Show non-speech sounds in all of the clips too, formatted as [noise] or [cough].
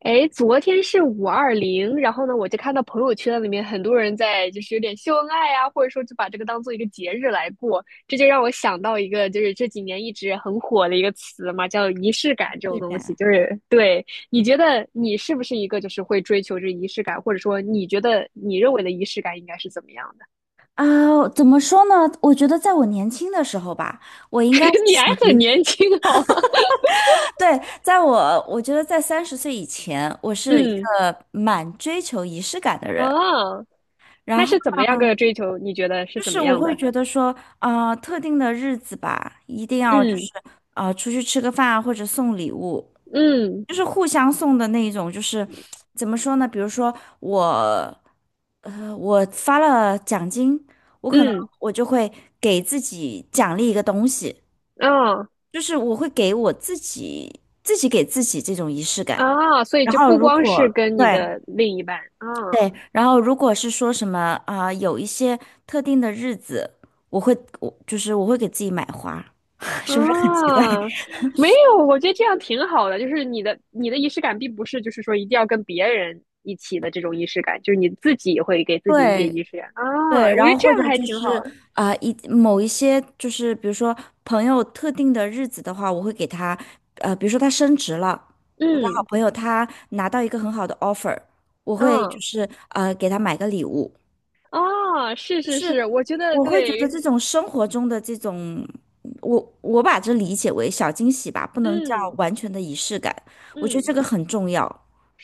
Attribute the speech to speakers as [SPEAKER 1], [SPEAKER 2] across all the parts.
[SPEAKER 1] 哎，昨天是520，然后呢，我就看到朋友圈里面很多人在就是有点秀恩爱啊，或者说就把这个当做一个节日来过，这就让我想到一个就是这几年一直很火的一个词嘛，叫仪式感这
[SPEAKER 2] 是
[SPEAKER 1] 种东西。
[SPEAKER 2] 的。
[SPEAKER 1] 就是对，你觉得你是不是一个就是会追求这仪式感，或者说你觉得你认为的仪式感应该是怎么样的？
[SPEAKER 2] 怎么说呢？我觉得在我年轻的时候吧，我应该是
[SPEAKER 1] [laughs] 你还
[SPEAKER 2] 属
[SPEAKER 1] 很
[SPEAKER 2] 于，
[SPEAKER 1] 年轻好吗？
[SPEAKER 2] [laughs] 对，我觉得在30岁以前，我
[SPEAKER 1] [laughs]
[SPEAKER 2] 是一
[SPEAKER 1] 嗯，
[SPEAKER 2] 个蛮追求仪式感的人。
[SPEAKER 1] 啊，
[SPEAKER 2] 然
[SPEAKER 1] 那
[SPEAKER 2] 后。
[SPEAKER 1] 是怎么样个追求？你觉得是
[SPEAKER 2] 就
[SPEAKER 1] 怎
[SPEAKER 2] 是
[SPEAKER 1] 么
[SPEAKER 2] 我
[SPEAKER 1] 样
[SPEAKER 2] 会
[SPEAKER 1] 的？
[SPEAKER 2] 觉得说，特定的日子吧，一定要
[SPEAKER 1] 嗯
[SPEAKER 2] 出去吃个饭啊或者送礼物，
[SPEAKER 1] 嗯
[SPEAKER 2] 就是互相送的那一种。就是怎么说呢？比如说我，我发了奖金，我可能
[SPEAKER 1] 嗯，
[SPEAKER 2] 我就会给自己奖励一个东西，
[SPEAKER 1] 啊。
[SPEAKER 2] 就是我会给我自己给自己这种仪式感。
[SPEAKER 1] 啊，所以
[SPEAKER 2] 然
[SPEAKER 1] 就
[SPEAKER 2] 后
[SPEAKER 1] 不
[SPEAKER 2] 如
[SPEAKER 1] 光是
[SPEAKER 2] 果
[SPEAKER 1] 跟你
[SPEAKER 2] 对。
[SPEAKER 1] 的另一半，啊
[SPEAKER 2] 对，然后如果是说什么啊、有一些特定的日子，我会我就是我会给自己买花，[laughs] 是不是很奇怪？
[SPEAKER 1] 啊，
[SPEAKER 2] [laughs]
[SPEAKER 1] 没有，我觉得这样挺好的，就是你的仪式感并不是就是说一定要跟别人一起的这种仪式感，就是你自己会给自己一些
[SPEAKER 2] 对，
[SPEAKER 1] 仪式感啊，
[SPEAKER 2] 对，
[SPEAKER 1] 我
[SPEAKER 2] 然
[SPEAKER 1] 觉得
[SPEAKER 2] 后
[SPEAKER 1] 这
[SPEAKER 2] 或
[SPEAKER 1] 样
[SPEAKER 2] 者
[SPEAKER 1] 还
[SPEAKER 2] 就
[SPEAKER 1] 挺
[SPEAKER 2] 是
[SPEAKER 1] 好的，
[SPEAKER 2] 啊、呃一某一些就是比如说朋友特定的日子的话，我会给他比如说他升职了，我的好
[SPEAKER 1] 嗯
[SPEAKER 2] 朋友他拿到一个很好的 offer,我会
[SPEAKER 1] 嗯
[SPEAKER 2] 给他买个礼物。
[SPEAKER 1] 啊，是是
[SPEAKER 2] 是。
[SPEAKER 1] 是，我觉得
[SPEAKER 2] 我会觉得
[SPEAKER 1] 对，
[SPEAKER 2] 这种生活中的这种，我把这理解为小惊喜吧，不能叫
[SPEAKER 1] 嗯
[SPEAKER 2] 完全的仪式感，我觉得
[SPEAKER 1] 嗯。
[SPEAKER 2] 这个很重要。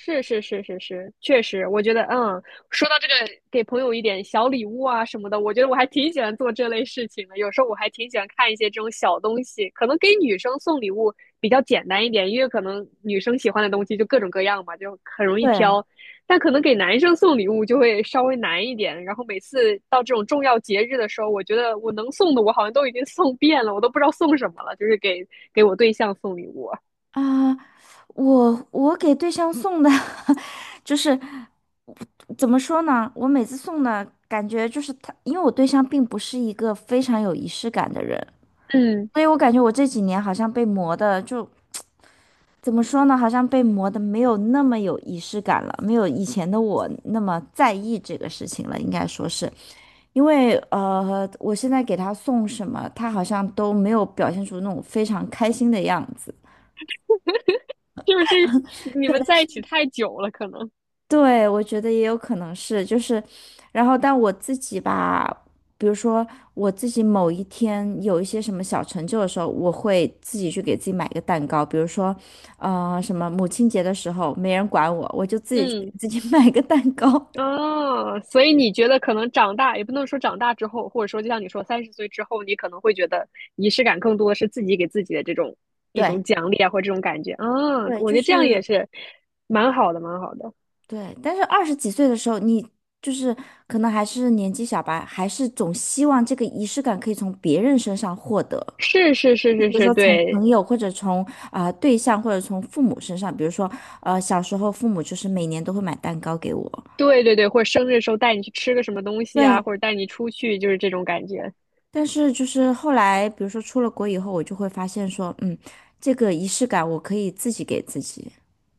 [SPEAKER 1] 是是是是是，确实，我觉得，嗯，说到这个，给朋友一点小礼物啊什么的，我觉得我还挺喜欢做这类事情的。有时候我还挺喜欢看一些这种小东西，可能给女生送礼物比较简单一点，因为可能女生喜欢的东西就各种各样嘛，就很容
[SPEAKER 2] 对
[SPEAKER 1] 易挑。但可能给男生送礼物就会稍微难一点。然后每次到这种重要节日的时候，我觉得我能送的我好像都已经送遍了，我都不知道送什么了，就是给我对象送礼物。
[SPEAKER 2] 啊，我给对象送的，[laughs] 就是怎么说呢？我每次送的感觉就是他，因为我对象并不是一个非常有仪式感的人，
[SPEAKER 1] 嗯，
[SPEAKER 2] 所以我感觉我这几年好像被磨的就。怎么说呢？好像被磨的没有那么有仪式感了，没有以前的我那么在意这个事情了，应该说是。因为我现在给他送什么，他好像都没有表现出那种非常开心的样子。
[SPEAKER 1] [laughs] 就是这你们在一起太久了，可能。
[SPEAKER 2] 对，我觉得也有可能是，然后但我自己吧，比如说我自己某一天有一些什么小成就的时候，我会自己去给自己买一个蛋糕，比如说，什么母亲节的时候没人管我，我就自己去给
[SPEAKER 1] 嗯，
[SPEAKER 2] 自己 [laughs] 买个蛋糕。
[SPEAKER 1] 哦，所以你觉得可能长大，也不能说长大之后，或者说就像你说30岁之后，你可能会觉得仪式感更多是自己给自己的这种
[SPEAKER 2] [laughs]
[SPEAKER 1] 一
[SPEAKER 2] 对，
[SPEAKER 1] 种奖励啊，或者这种感觉啊，
[SPEAKER 2] 对，
[SPEAKER 1] 我觉
[SPEAKER 2] 就
[SPEAKER 1] 得这样也
[SPEAKER 2] 是。
[SPEAKER 1] 是蛮好的，蛮好的。
[SPEAKER 2] 对，但是二十几岁的时候，你就是可能还是年纪小吧，还是总希望这个仪式感可以从别人身上获得，
[SPEAKER 1] 是是
[SPEAKER 2] 比
[SPEAKER 1] 是是
[SPEAKER 2] 如
[SPEAKER 1] 是，
[SPEAKER 2] 说从
[SPEAKER 1] 对
[SPEAKER 2] 朋友或者从对象或者从父母身上，比如说小时候父母就是每年都会买蛋糕给我。
[SPEAKER 1] 对对对，或者生日的时候带你去吃个什么东西
[SPEAKER 2] 对，
[SPEAKER 1] 啊，或者带你出去，就是这种感觉。
[SPEAKER 2] 但是就是后来比如说出了国以后，我就会发现说，这个仪式感我可以自己给自己。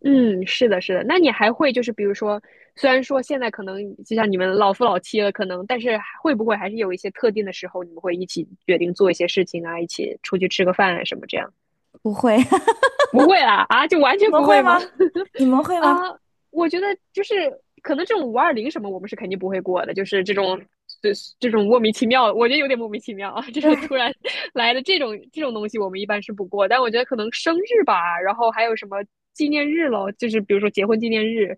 [SPEAKER 1] 嗯，是的，是的。那你还会就是比如说，虽然说现在可能就像你们老夫老妻了，可能，但是还会不会还是有一些特定的时候，你们会一起决定做一些事情啊，一起出去吃个饭啊什么这样？
[SPEAKER 2] 不会，[laughs]
[SPEAKER 1] 不会啦，啊，就完
[SPEAKER 2] 你
[SPEAKER 1] 全
[SPEAKER 2] 们
[SPEAKER 1] 不
[SPEAKER 2] 会
[SPEAKER 1] 会吗？
[SPEAKER 2] 吗？你们
[SPEAKER 1] [laughs]
[SPEAKER 2] 会吗？
[SPEAKER 1] 啊，我觉得就是可能这种五二零什么，我们是肯定不会过的，就是这种这这种莫名其妙，我觉得有点莫名其妙啊，这种突
[SPEAKER 2] 对，
[SPEAKER 1] 然 [laughs] 来的这种东西，我们一般是不过。但我觉得可能生日吧，然后还有什么纪念日咯，就是比如说结婚纪念日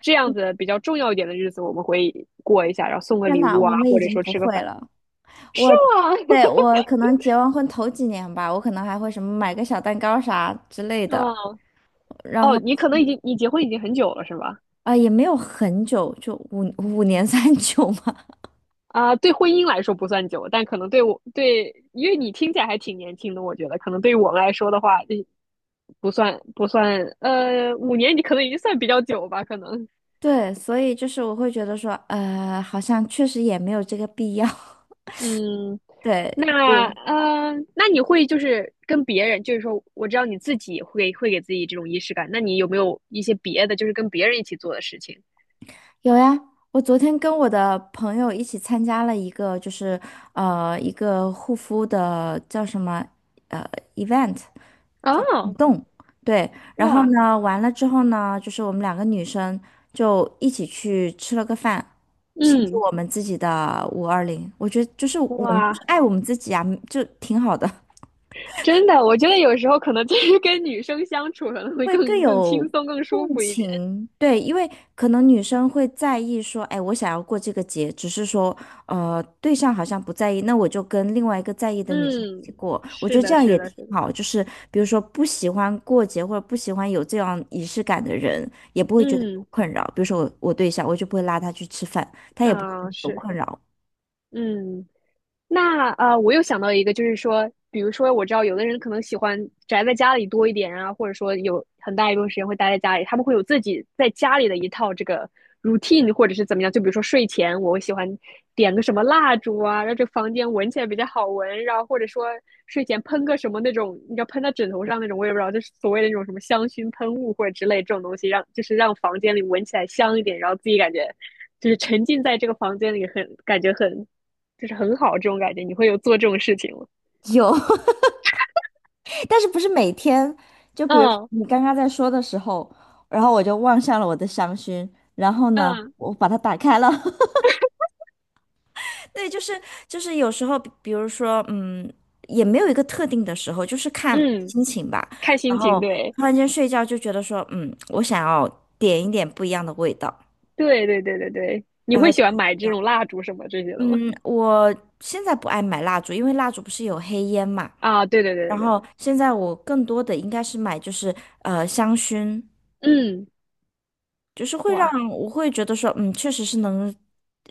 [SPEAKER 1] 这样子比较重要一点的日子，我们会过一下，然后送个
[SPEAKER 2] 天
[SPEAKER 1] 礼
[SPEAKER 2] 哪，
[SPEAKER 1] 物
[SPEAKER 2] 我
[SPEAKER 1] 啊，
[SPEAKER 2] 们
[SPEAKER 1] 或
[SPEAKER 2] 已
[SPEAKER 1] 者
[SPEAKER 2] 经
[SPEAKER 1] 说
[SPEAKER 2] 不
[SPEAKER 1] 吃个
[SPEAKER 2] 会
[SPEAKER 1] 饭。
[SPEAKER 2] 了。我
[SPEAKER 1] 哇，
[SPEAKER 2] 对我可能结完婚头几年吧，我可能还会什么买个小蛋糕啥之类
[SPEAKER 1] [laughs]
[SPEAKER 2] 的，
[SPEAKER 1] 哦
[SPEAKER 2] 然
[SPEAKER 1] 哦，
[SPEAKER 2] 后
[SPEAKER 1] 你结婚已经很久了是吧？
[SPEAKER 2] 也没有很久，就五五年三九嘛。
[SPEAKER 1] 对婚姻来说不算久，但可能对我对，因为你听起来还挺年轻的，我觉得可能对于我们来说的话，嗯不算不算，5年你可能已经算比较久吧，可能，
[SPEAKER 2] 对，所以就是我会觉得说，好像确实也没有这个必要。[laughs]
[SPEAKER 1] 嗯，
[SPEAKER 2] 对，
[SPEAKER 1] 那
[SPEAKER 2] 我
[SPEAKER 1] 呃，那你会就是跟别人，就是说，我知道你自己会给自己这种仪式感，那你有没有一些别的，就是跟别人一起做的事情？
[SPEAKER 2] 有呀，我昨天跟我的朋友一起参加了一个，就是一个护肤的叫什么呃 event,
[SPEAKER 1] 哦，
[SPEAKER 2] 动，对，然后
[SPEAKER 1] 哇，
[SPEAKER 2] 呢，完了之后呢，就是我们两个女生就一起去吃了个饭，庆祝
[SPEAKER 1] 嗯，
[SPEAKER 2] 我们自己的520。我觉得就是我们就是
[SPEAKER 1] 哇，
[SPEAKER 2] 爱我们自己啊，就挺好的。
[SPEAKER 1] 真的，我觉得有时候可能就是跟女生相处可能会
[SPEAKER 2] 会更
[SPEAKER 1] 更轻
[SPEAKER 2] 有
[SPEAKER 1] 松、更舒
[SPEAKER 2] 共
[SPEAKER 1] 服一点。
[SPEAKER 2] 情，对，因为可能女生会在意说，哎，我想要过这个节，只是说，对象好像不在意，那我就跟另外一个在意的女生一
[SPEAKER 1] 嗯，
[SPEAKER 2] 起过，我觉
[SPEAKER 1] 是
[SPEAKER 2] 得这
[SPEAKER 1] 的，
[SPEAKER 2] 样
[SPEAKER 1] 是
[SPEAKER 2] 也
[SPEAKER 1] 的，
[SPEAKER 2] 挺
[SPEAKER 1] 是的，
[SPEAKER 2] 好。就是比如说不喜欢过节或者不喜欢有这样仪式感的人，也不会觉得
[SPEAKER 1] 嗯，
[SPEAKER 2] 有困扰。比如说我对象，我就不会拉他去吃饭，他也不会觉得有
[SPEAKER 1] 是，
[SPEAKER 2] 困扰。
[SPEAKER 1] 嗯。那我又想到一个，就是说，比如说，我知道有的人可能喜欢宅在家里多一点啊，或者说有很大一部分时间会待在家里，他们会有自己在家里的一套这个 routine，或者是怎么样。就比如说睡前，我会喜欢点个什么蜡烛啊，让这个房间闻起来比较好闻，然后或者说睡前喷个什么那种，你知道喷到枕头上那种，我也不知道，就是所谓的那种什么香薰喷雾或者之类这种东西，让就是让房间里闻起来香一点，然后自己感觉就是沉浸在这个房间里很，感觉很就是很好这种感觉。你会有做这种事情吗？
[SPEAKER 2] 有。[laughs] 但是不是每天？就比如
[SPEAKER 1] 嗯
[SPEAKER 2] 你刚刚在说的时候，然后我就望向了我的香薰，然后呢，
[SPEAKER 1] 嗯
[SPEAKER 2] 我把它打开了。[laughs] 对，就是就是有时候，比如说，也没有一个特定的时候，就是看
[SPEAKER 1] 嗯，
[SPEAKER 2] 心情吧。
[SPEAKER 1] 看
[SPEAKER 2] 然
[SPEAKER 1] 心
[SPEAKER 2] 后
[SPEAKER 1] 情，对
[SPEAKER 2] 突然间睡觉就觉得说，嗯，我想要点一点不一样的味道。
[SPEAKER 1] 对对对对对。你
[SPEAKER 2] 然后
[SPEAKER 1] 会
[SPEAKER 2] 就，
[SPEAKER 1] 喜欢买这种蜡烛什么这些的吗？
[SPEAKER 2] 嗯，我现在不爱买蜡烛，因为蜡烛不是有黑烟嘛。
[SPEAKER 1] 啊，对对对
[SPEAKER 2] 然
[SPEAKER 1] 对对，
[SPEAKER 2] 后现在我更多的应该是买就是香薰，
[SPEAKER 1] 嗯，
[SPEAKER 2] 就是会让
[SPEAKER 1] 哇，
[SPEAKER 2] 我会觉得说，嗯，确实是能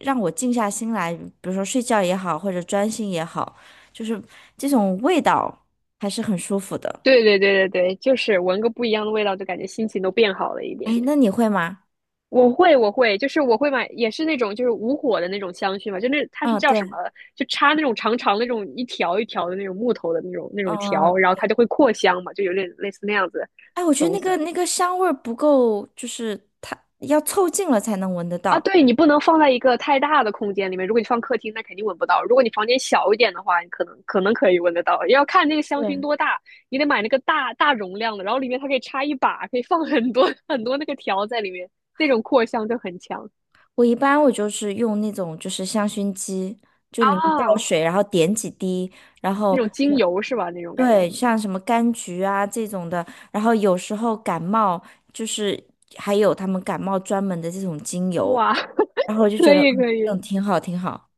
[SPEAKER 2] 让我静下心来，比如说睡觉也好，或者专心也好，就是这种味道还是很舒服的。
[SPEAKER 1] 对对对对对，就是闻个不一样的味道，就感觉心情都变好了一点。
[SPEAKER 2] 哎，那你会吗？
[SPEAKER 1] 我会，就是我会买，也是那种就是无火的那种香薰嘛，就那它是
[SPEAKER 2] 嗯，
[SPEAKER 1] 叫
[SPEAKER 2] 对。
[SPEAKER 1] 什么？就插那种长长的那种一条一条的那种木头的那种
[SPEAKER 2] 嗯，
[SPEAKER 1] 条，然后它就会扩香嘛，就有点类似那样子的
[SPEAKER 2] 哎，我觉得
[SPEAKER 1] 东
[SPEAKER 2] 那
[SPEAKER 1] 西。
[SPEAKER 2] 个那个香味儿不够，就是它要凑近了才能闻得
[SPEAKER 1] 啊，
[SPEAKER 2] 到。
[SPEAKER 1] 对，你不能放在一个太大的空间里面。如果你放客厅，那肯定闻不到；如果你房间小一点的话，你可能可以闻得到。要看那个香薰
[SPEAKER 2] 对，
[SPEAKER 1] 多大，你得买那个大容量的，然后里面它可以插一把，可以放很多很多那个条在里面，那种扩香就很强
[SPEAKER 2] 我一般就是用那种就是香薰机，就里面倒
[SPEAKER 1] 啊。
[SPEAKER 2] 水，然后点几滴，然
[SPEAKER 1] 那
[SPEAKER 2] 后
[SPEAKER 1] 种
[SPEAKER 2] 就
[SPEAKER 1] 精油是吧？那种感觉，
[SPEAKER 2] 对，像什么柑橘啊这种的，然后有时候感冒就是还有他们感冒专门的这种精油，
[SPEAKER 1] 哇，
[SPEAKER 2] 然后我
[SPEAKER 1] [laughs]
[SPEAKER 2] 就觉
[SPEAKER 1] 可
[SPEAKER 2] 得
[SPEAKER 1] 以
[SPEAKER 2] 嗯，
[SPEAKER 1] 可
[SPEAKER 2] 这
[SPEAKER 1] 以，
[SPEAKER 2] 种挺好挺好。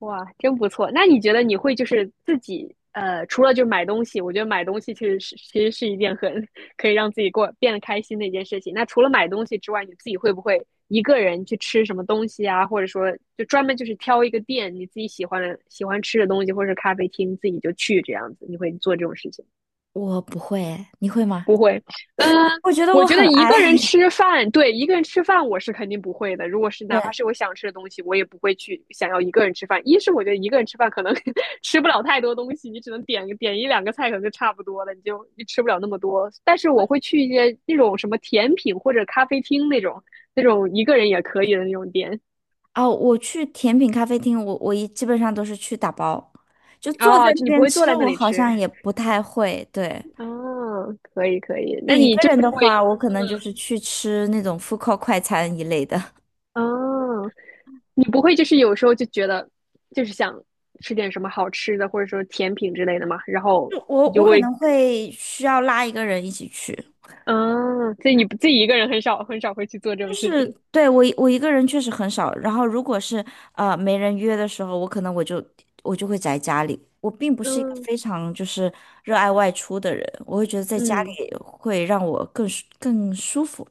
[SPEAKER 1] 哇，真不错。那你觉得你会就是自己除了就是买东西，我觉得买东西其实是一件很可以让自己过变得开心的一件事情。那除了买东西之外，你自己会不会一个人去吃什么东西啊？或者说就专门就是挑一个店你自己喜欢吃的东西，或者是咖啡厅自己就去这样子？你会做这种事情吗
[SPEAKER 2] 我不会诶你会吗？
[SPEAKER 1] 不会，嗯，
[SPEAKER 2] [laughs] 我觉得
[SPEAKER 1] 我
[SPEAKER 2] 我
[SPEAKER 1] 觉
[SPEAKER 2] 很
[SPEAKER 1] 得一
[SPEAKER 2] 爱。
[SPEAKER 1] 个人
[SPEAKER 2] [laughs]
[SPEAKER 1] 吃饭，对，一个人吃饭我是肯定不会的。如果是哪怕
[SPEAKER 2] 对，
[SPEAKER 1] 是我想吃的东西，我也不会去想要一个人吃饭。一是我觉得一个人吃饭可能 [laughs] 吃不了太多东西，你只能点一两个菜，可能就差不多了，你吃不了那么多。但是我会去一些那种什么甜品或者咖啡厅那种一个人也可以的那种店
[SPEAKER 2] 哦，我去甜品咖啡厅，我基本上都是去打包，就坐在
[SPEAKER 1] 啊，
[SPEAKER 2] 那
[SPEAKER 1] 就你不
[SPEAKER 2] 边
[SPEAKER 1] 会坐
[SPEAKER 2] 吃，
[SPEAKER 1] 在那
[SPEAKER 2] 我
[SPEAKER 1] 里
[SPEAKER 2] 好像
[SPEAKER 1] 吃
[SPEAKER 2] 也不太会。对，
[SPEAKER 1] 啊，可以可以，
[SPEAKER 2] 就
[SPEAKER 1] 那
[SPEAKER 2] 一
[SPEAKER 1] 你
[SPEAKER 2] 个
[SPEAKER 1] 就
[SPEAKER 2] 人
[SPEAKER 1] 是
[SPEAKER 2] 的话，
[SPEAKER 1] 会
[SPEAKER 2] 我可能就是去吃那种 food court 快餐一类的。
[SPEAKER 1] 啊。你不会就是有时候就觉得就是想吃点什么好吃的，或者说甜品之类的嘛，然
[SPEAKER 2] [laughs]
[SPEAKER 1] 后
[SPEAKER 2] 就我
[SPEAKER 1] 你就
[SPEAKER 2] 我可
[SPEAKER 1] 会，
[SPEAKER 2] 能会需要拉一个人一起去。
[SPEAKER 1] 嗯，所以你不自己一个人很少很少会去做这
[SPEAKER 2] 就
[SPEAKER 1] 种事
[SPEAKER 2] 是
[SPEAKER 1] 情。
[SPEAKER 2] 对我一个人确实很少，然后如果是没人约的时候，我可能我就我就会宅家里。我并不是一个
[SPEAKER 1] 嗯
[SPEAKER 2] 非常就是热爱外出的人，我会觉得在家里
[SPEAKER 1] 嗯，
[SPEAKER 2] 会让我更舒更舒服。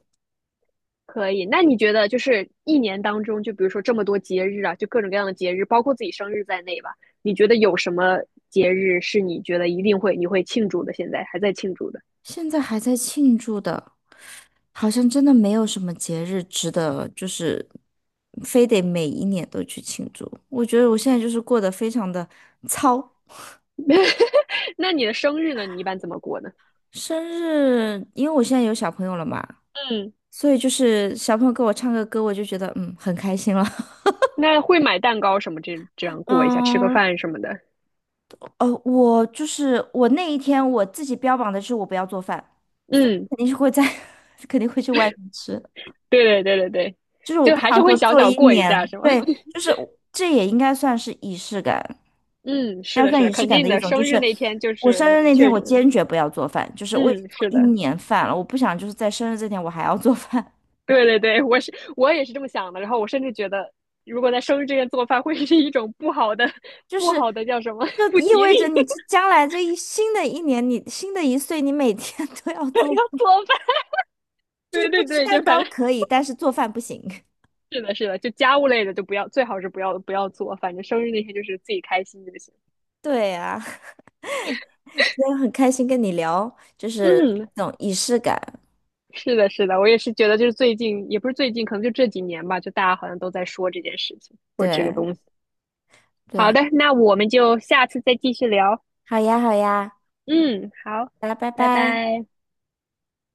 [SPEAKER 1] 可以。那你觉得就是一年当中，就比如说这么多节日啊，就各种各样的节日，包括自己生日在内吧，你觉得有什么节日是你觉得一定会你会庆祝的，现在还在庆祝的？
[SPEAKER 2] 现在还在庆祝的，好像真的没有什么节日值得就是非得每一年都去庆祝。我觉得我现在就是过得非常的糙。
[SPEAKER 1] [laughs] 那你的生日呢？你一般怎么过呢？
[SPEAKER 2] 生日，因为我现在有小朋友了嘛，
[SPEAKER 1] 嗯，
[SPEAKER 2] 所以就是小朋友给我唱个歌，我就觉得嗯很开心了。
[SPEAKER 1] 那会买蛋糕什么这
[SPEAKER 2] [laughs]
[SPEAKER 1] 样过一下，吃个
[SPEAKER 2] 嗯，
[SPEAKER 1] 饭什么的。
[SPEAKER 2] 哦，我就是我那一天我自己标榜的是我不要做饭，所以
[SPEAKER 1] 嗯，
[SPEAKER 2] 肯定是会在 [laughs]，肯定会去外面吃。
[SPEAKER 1] 对对对对对，
[SPEAKER 2] 就是我
[SPEAKER 1] 就
[SPEAKER 2] 不
[SPEAKER 1] 还
[SPEAKER 2] 想
[SPEAKER 1] 是会
[SPEAKER 2] 说
[SPEAKER 1] 小
[SPEAKER 2] 做
[SPEAKER 1] 小
[SPEAKER 2] 一
[SPEAKER 1] 过一下，
[SPEAKER 2] 年，
[SPEAKER 1] 是吗？
[SPEAKER 2] 对，
[SPEAKER 1] [laughs]
[SPEAKER 2] 就是我这也应该算是仪式感，
[SPEAKER 1] 嗯，
[SPEAKER 2] 应
[SPEAKER 1] 是
[SPEAKER 2] 该
[SPEAKER 1] 的，是
[SPEAKER 2] 算
[SPEAKER 1] 的，
[SPEAKER 2] 仪式
[SPEAKER 1] 肯
[SPEAKER 2] 感的
[SPEAKER 1] 定
[SPEAKER 2] 一
[SPEAKER 1] 的。
[SPEAKER 2] 种。就
[SPEAKER 1] 生日
[SPEAKER 2] 是
[SPEAKER 1] 那天就
[SPEAKER 2] 我生
[SPEAKER 1] 是
[SPEAKER 2] 日那天，
[SPEAKER 1] 确
[SPEAKER 2] 我
[SPEAKER 1] 实，
[SPEAKER 2] 坚决不要做饭，就是我已经
[SPEAKER 1] 嗯，
[SPEAKER 2] 做
[SPEAKER 1] 是
[SPEAKER 2] 一
[SPEAKER 1] 的，
[SPEAKER 2] 年饭了，我不想就是在生日这天我还要做饭。
[SPEAKER 1] 对对对，我也是这么想的。然后我甚至觉得，如果在生日这天做饭，会是一种不好的、[laughs]
[SPEAKER 2] 就
[SPEAKER 1] 不
[SPEAKER 2] 是
[SPEAKER 1] 好的叫什么
[SPEAKER 2] 就
[SPEAKER 1] [laughs] 不
[SPEAKER 2] 意
[SPEAKER 1] 吉
[SPEAKER 2] 味
[SPEAKER 1] 利
[SPEAKER 2] 着你这
[SPEAKER 1] [laughs]
[SPEAKER 2] 将来这一新的一年，你新的一岁，你每天 [laughs] 都要做，
[SPEAKER 1] 要做饭。
[SPEAKER 2] 就是
[SPEAKER 1] 对
[SPEAKER 2] 不
[SPEAKER 1] 对
[SPEAKER 2] 吃
[SPEAKER 1] 对，就
[SPEAKER 2] 蛋
[SPEAKER 1] 反
[SPEAKER 2] 糕
[SPEAKER 1] 正 [laughs]
[SPEAKER 2] 可以，但是做饭不行。[laughs]
[SPEAKER 1] 是的，是的，就家务类的就不要，最好是不要做。反正生日那天就是自己开心就行。
[SPEAKER 2] 对啊，[laughs] 今天很开心跟你聊，就是
[SPEAKER 1] 嗯，
[SPEAKER 2] 这种仪式感。
[SPEAKER 1] 是的，是的，我也是觉得，就是最近，也不是最近，可能就这几年吧，就大家好像都在说这件事情或者这个
[SPEAKER 2] 对
[SPEAKER 1] 东西。好
[SPEAKER 2] 对，
[SPEAKER 1] 的，那我们就下次再继续聊。
[SPEAKER 2] 好呀好呀，
[SPEAKER 1] 嗯，好，
[SPEAKER 2] 大家拜
[SPEAKER 1] 拜
[SPEAKER 2] 拜。
[SPEAKER 1] 拜。